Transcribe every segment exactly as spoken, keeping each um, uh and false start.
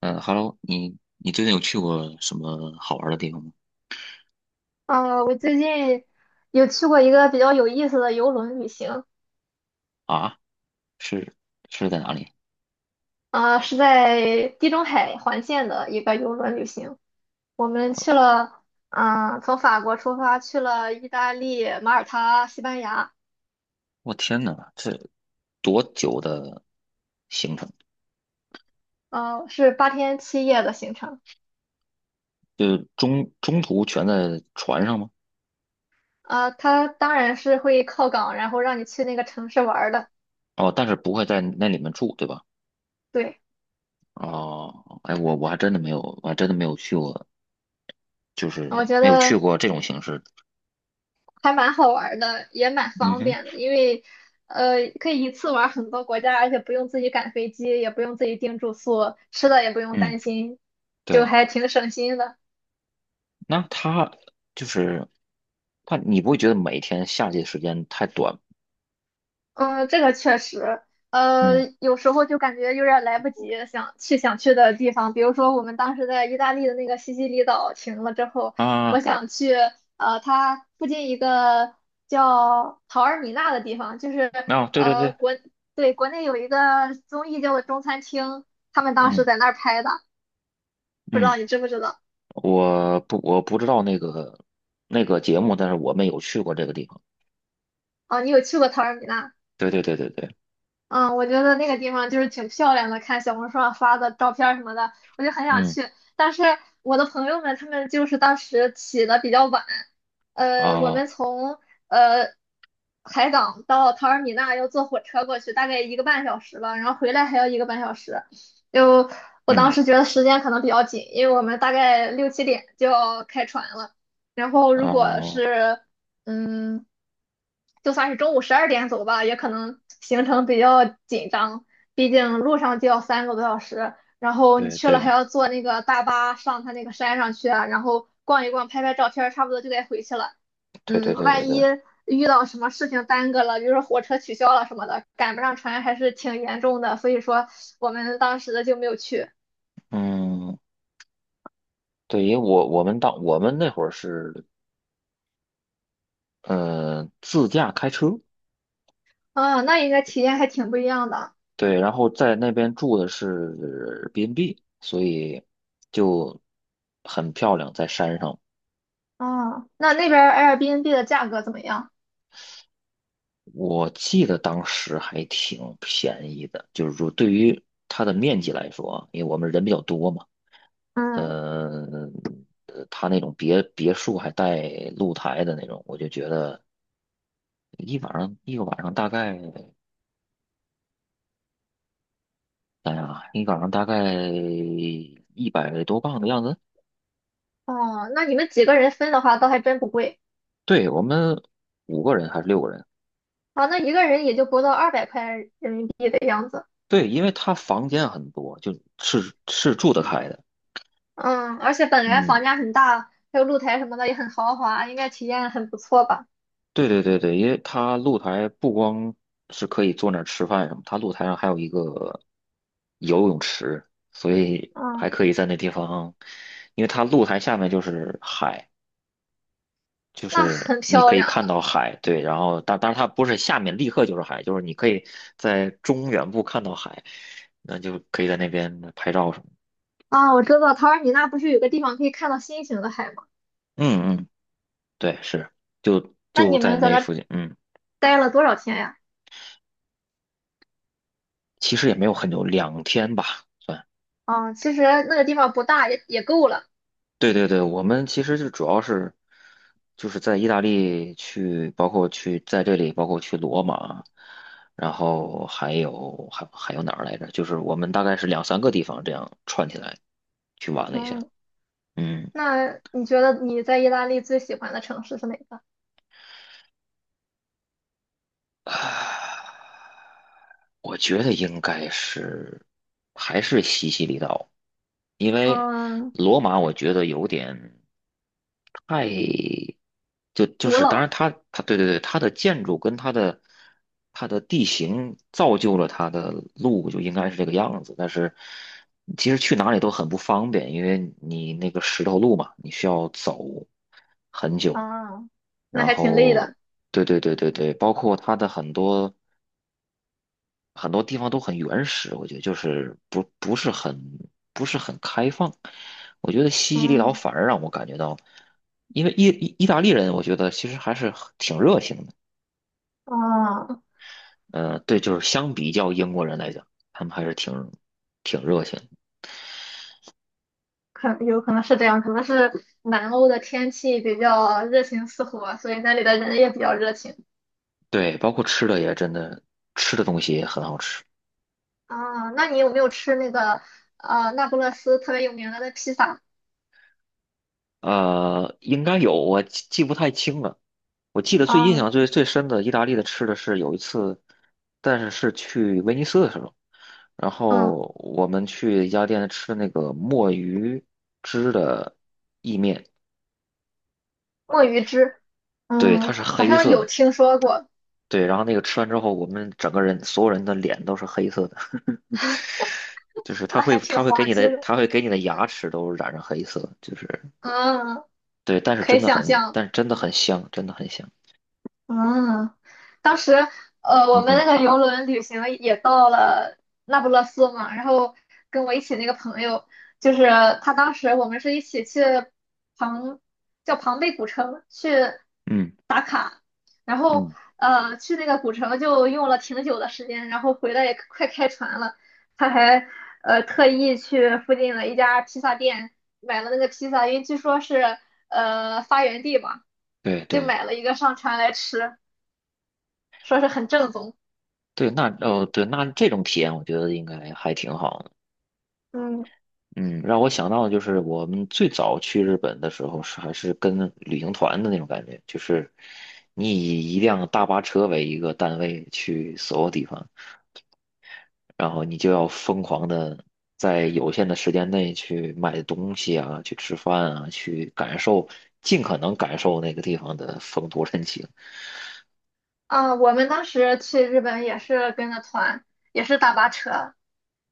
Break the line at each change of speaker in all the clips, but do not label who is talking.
嗯，Hello，你你最近有去过什么好玩的地方吗？
呃，我最近有去过一个比较有意思的游轮旅行。
啊，是是在哪里？
啊，是在地中海环线的一个游轮旅行。我们去了，嗯、从法国出发去了意大利、马耳他、西班牙。
我天呐，这多久的行程？
呃，是八天七夜的行程。
就是中中途全在船上吗？
啊，它当然是会靠港，然后让你去那个城市玩儿的。
哦，但是不会在那里面住，对吧？
对，
哦，哎，我我还真的没有，我还真的没有去过，就
我
是
觉
没有去
得
过这种形式的。
还蛮好玩儿的，也蛮
嗯
方
哼，
便的，因为呃可以一次玩儿很多国家，而且不用自己赶飞机，也不用自己订住宿，吃的也不用
嗯，
担心，就
对，
还挺省心的。
那他就是他，你不会觉得每天夏季时间太短吗？
嗯，这个确实，
嗯
呃，有时候就感觉有点来不及想去想去的地方，比如说我们当时在意大利的那个西西里岛停了之后，我
啊，
想去呃它附近一个叫陶尔米纳的地方。就是
啊，对对
呃
对，
国对国内有一个综艺叫做《中餐厅》，他们当时
嗯
在那儿拍的，不知
嗯。
道你知不知道？
我不我不知道那个那个节目，但是我们有去过这个地方。
哦，你有去过陶尔米纳？
对对对对对，
嗯，我觉得那个地方就是挺漂亮的，看小红书上发的照片儿什么的，我就很想
嗯
去。但是我的朋友们他们就是当时起的比较晚，呃，我
啊
们从呃海港到塔尔米纳要坐火车过去，大概一个半小时吧，然后回来还要一个半小时。就我当
嗯
时觉得时间可能比较紧，因为我们大概六七点就要开船了，然后如果
啊，
是嗯，就算是中午十二点走吧，也可能行程比较紧张，毕竟路上就要三个多小时，然后你
对
去了还
对
要坐那个大巴上他那个山上去啊，然后逛一逛，拍拍照片儿差不多就该回去了。
对对
嗯，
对对
万一
对，
遇到什么事情耽搁了，比如说火车取消了什么的，赶不上船还是挺严重的，所以说我们当时就没有去。
嗯。对，因为我我们当我们那会儿是呃自驾开车，
啊，那应该体验还挺不一样的。
对，然后在那边住的是 B&B，所以就很漂亮，在山上。
啊，那那边儿 Airbnb 的价格怎么样？
我记得当时还挺便宜的，就是说对于它的面积来说啊，因为我们人比较多嘛。
嗯。
嗯，呃他那种别别墅还带露台的那种，我就觉得一晚上一个晚上大概，哎呀，一晚上大概一百多磅的样子。
哦，那你们几个人分的话，倒还真不贵
对，我们五个人还是六个人？
啊。那一个人也就不到二百块人民币的样子。
对，因为他房间很多，就是是住得开的。
嗯，而且本来
嗯。
房价很大，还有露台什么的也很豪华，应该体验很不错吧？
对对对对，因为它露台不光是可以坐那儿吃饭什么，它露台上还有一个游泳池，所以
嗯，
还可以在那地方，因为它露台下面就是海，就
那
是
很
你
漂
可以
亮
看
了
到海，对，然后但但是它不是下面立刻就是海，就是你可以在中远部看到海，那就可以在那边拍照什么的。
啊！我知道他尔米那不是有个地方可以看到星星的海吗？
嗯嗯，对，是，就
那
就
你
在
们在
那
那儿
附近，嗯，
待了多少天呀？
其实也没有很久，两天吧。算。
啊，其实那个地方不大，也也够了。
对对对，我们其实就主要是就是在意大利去，包括去在这里，包括去罗马，然后还有还还有哪儿来着？就是我们大概是两三个地方这样串起来去玩了一下。
嗯，
嗯，
那你觉得你在意大利最喜欢的城市是哪个？
啊，我觉得应该是还是西西里岛，因为
嗯，
罗马我觉得有点。太就就
古
是当然
老。
它它对对对它的建筑跟它的它的地形造就了它的路就应该是这个样子，但是其实去哪里都很不方便，因为你那个石头路嘛，你需要走很久。
啊，那
然
还挺累
后，
的。
对对对对对，包括它的很多很多地方都很原始，我觉得就是不不是很不是很开放。我觉得西西里岛
嗯，
反而让我感觉到，因为意意意大利人，我觉得其实还是很挺热情的。
啊，
呃，对，就是相比较英国人来讲，他们还是挺挺热情的。
可有可能是这样，可能是南欧的天气比较热情似火，所以那里的人也比较热情。
对，包括吃的也真的，吃的东西也很好吃。
啊，那你有没有吃那个呃那不勒斯特别有名的那披萨？
呃，应该有，我记记不太清了。我记得最印
啊。
象最最深的意大利的吃的是有一次，但是是去威尼斯的时候，然
嗯，
后我们去一家店吃那个墨鱼汁的，
墨鱼汁，
对，它
嗯，
是
好
黑
像
色
有
的，
听说过。
对，然后那个吃完之后，我们整个人所有人的脸都是黑色的，就是它
那
会
还挺
它会给
滑
你
稽
的
的。
它会给你的牙齿都染上黑色，就是
嗯，
对，但是
可以
真的
想
很
象。
但是真的很香，真的很香，
嗯，当时呃，我
嗯
们那
哼
个游轮旅行也到了那不勒斯嘛，然后跟我一起那个朋友，就是他当时我们是一起去庞叫庞贝古城去，
嗯
然后
嗯，
呃去那个古城就用了挺久的时间，然后回来也快开船了，他还呃特意去附近的一家披萨店买了那个披萨，因为据说是呃发源地嘛，
对
就
对
买了一个上船来吃，说是很正宗。
对，那哦对，那这种体验我觉得应该还挺好的。
嗯
嗯，让我想到的就是我们最早去日本的时候是还是跟旅行团的那种感觉，就是你以一辆大巴车为一个单位去所有地方，然后你就要疯狂的在有限的时间内去买东西啊，去吃饭啊，去感受，尽可能感受那个地方的风土人情。
啊，我们当时去日本也是跟着团，也是大巴车。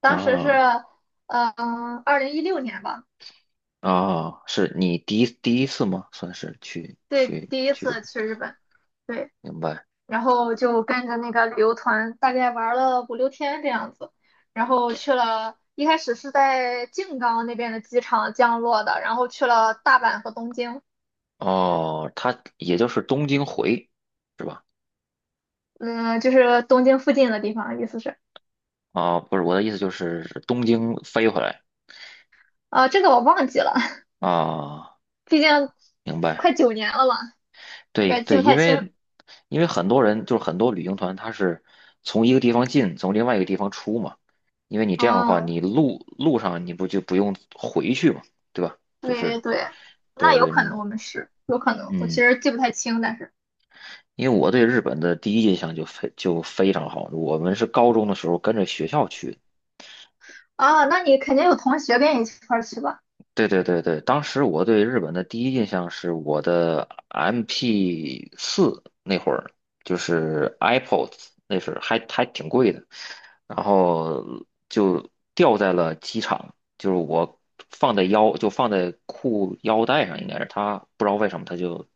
当时是，
啊
嗯、二零一六年吧，
啊，是你第一第一次吗？算是去
对，
去
第一
去日本，
次去日本，对，
明白。
然后就跟着那个旅游团，大概玩了五六天这样子，然后去了，一开始是在静冈那边的机场降落的，然后去了大阪和东京。
哦，他也就是东京回是吧？
嗯，就是东京附近的地方，意思是，
啊，不是我的意思就是东京飞回来。
啊，这个我忘记了，
啊，
毕竟
明
快
白？
九年了嘛，有
对
点记
对，
不
因
太清。
为因为很多人就是很多旅行团，他是从一个地方进，从另外一个地方出嘛。因为你这样的话，
啊。
你路路上你不就不用回去嘛，对吧？就
对对
是
对，那
对
有
对，
可
你
能我们是，有可能，我其
嗯，
实记不太清，但是
因为我对日本的第一印象就非就非常好，我们是高中的时候跟着学校去的。
啊，那你肯定有同学跟你一块儿去吧？
对对对对，当时我对日本的第一印象是我的 M P 四那会儿，就是 iPods，那是还还挺贵的，然后就掉在了机场，就是我放在腰，就放在裤腰带上，应该是他不知道为什么他就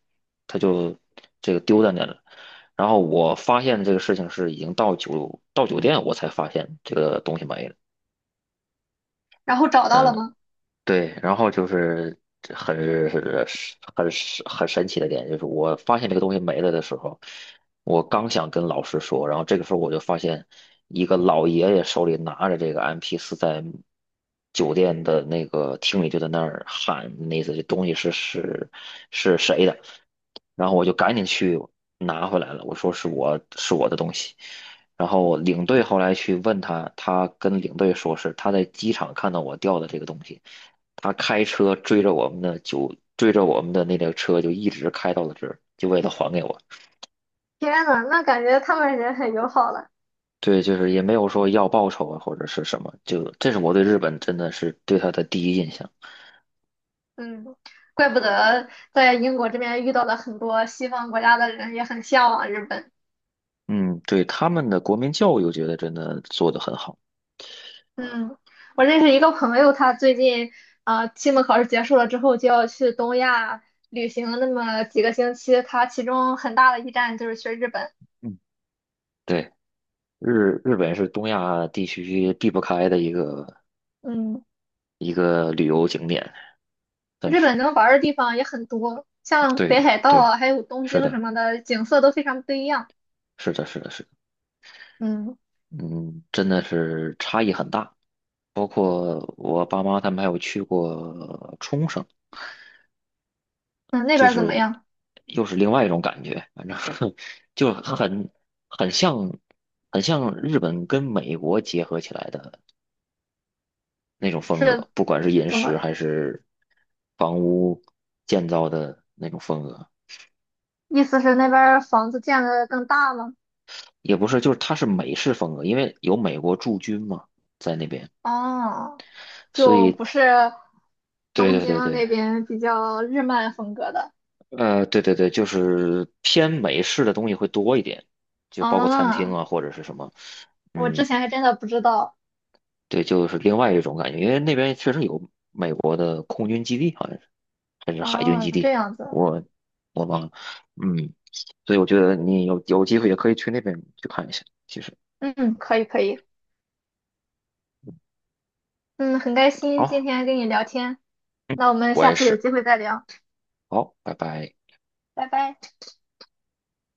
他就这个丢在那了。然后我发现这个事情是已经到酒到酒店我才发现这个东西没了。
然后找到了
嗯。
吗？
对，然后就是很很很神奇的点，就是我发现这个东西没了的时候，我刚想跟老师说，然后这个时候我就发现一个老爷爷手里拿着这个 m p 四，在酒店的那个厅里就在那儿喊，那意思这东西是是是谁的，然后我就赶紧去拿回来了，我说是我是我的东西。然后领队后来去问他，他跟领队说是他在机场看到我掉的这个东西，他开车追着我们的就追着我们的那辆车就一直开到了这儿，就为了还给我。
天呐，那感觉他们人很友好了。
对，就是也没有说要报酬啊或者是什么，就这是我对日本真的是对他的第一印象。
嗯，怪不得在英国这边遇到了很多西方国家的人，也很向往日本。
嗯，对他们的国民教育，我觉得真的做得很好。
嗯，我认识一个朋友，他最近啊，期末考试结束了之后就要去东亚旅行那么几个星期，他其中很大的一站就是去日本。
嗯，对，日日本是东亚地区避不开的一个
嗯。
一个旅游景点，但
日
是
本能玩儿的地方也很多，像北
对
海道
对，
啊，还有东
是
京什
的，
么的，景色都非常不一样。
是的，是的，是的
嗯
嗯，真的是差异很大。包括我爸妈他们还有去过冲绳，
嗯，那边
就
儿怎么
是
样？
又是另外一种感觉，反正 就很很像很像日本跟美国结合起来的那种风
是
格，不管是饮
怎
食
么？
还是房屋建造的那种风格，
意思是那边儿房子建的更大吗？
也不是，就是它是美式风格，因为有美国驻军嘛在那边，
哦，
所
就
以
不是
对
东
对对
京
对，
那边比较日漫风格的。
呃，对对对，就是偏美式的东西会多一点，就包括餐厅
啊，
啊或者是什么，
我之
嗯，
前还真的不知道。
对，就是另外一种感觉，因为那边确实有美国的空军基地，好像是还是海军
哦，
基
这
地，
样子。
我我忘了，嗯，所以我觉得你有有机会也可以去那边去看一下。其实，
嗯，可以可以。嗯，很开心今
好，
天跟你聊天，那我们
我
下
也
次有
是，
机会再聊，
好，拜拜。
拜拜。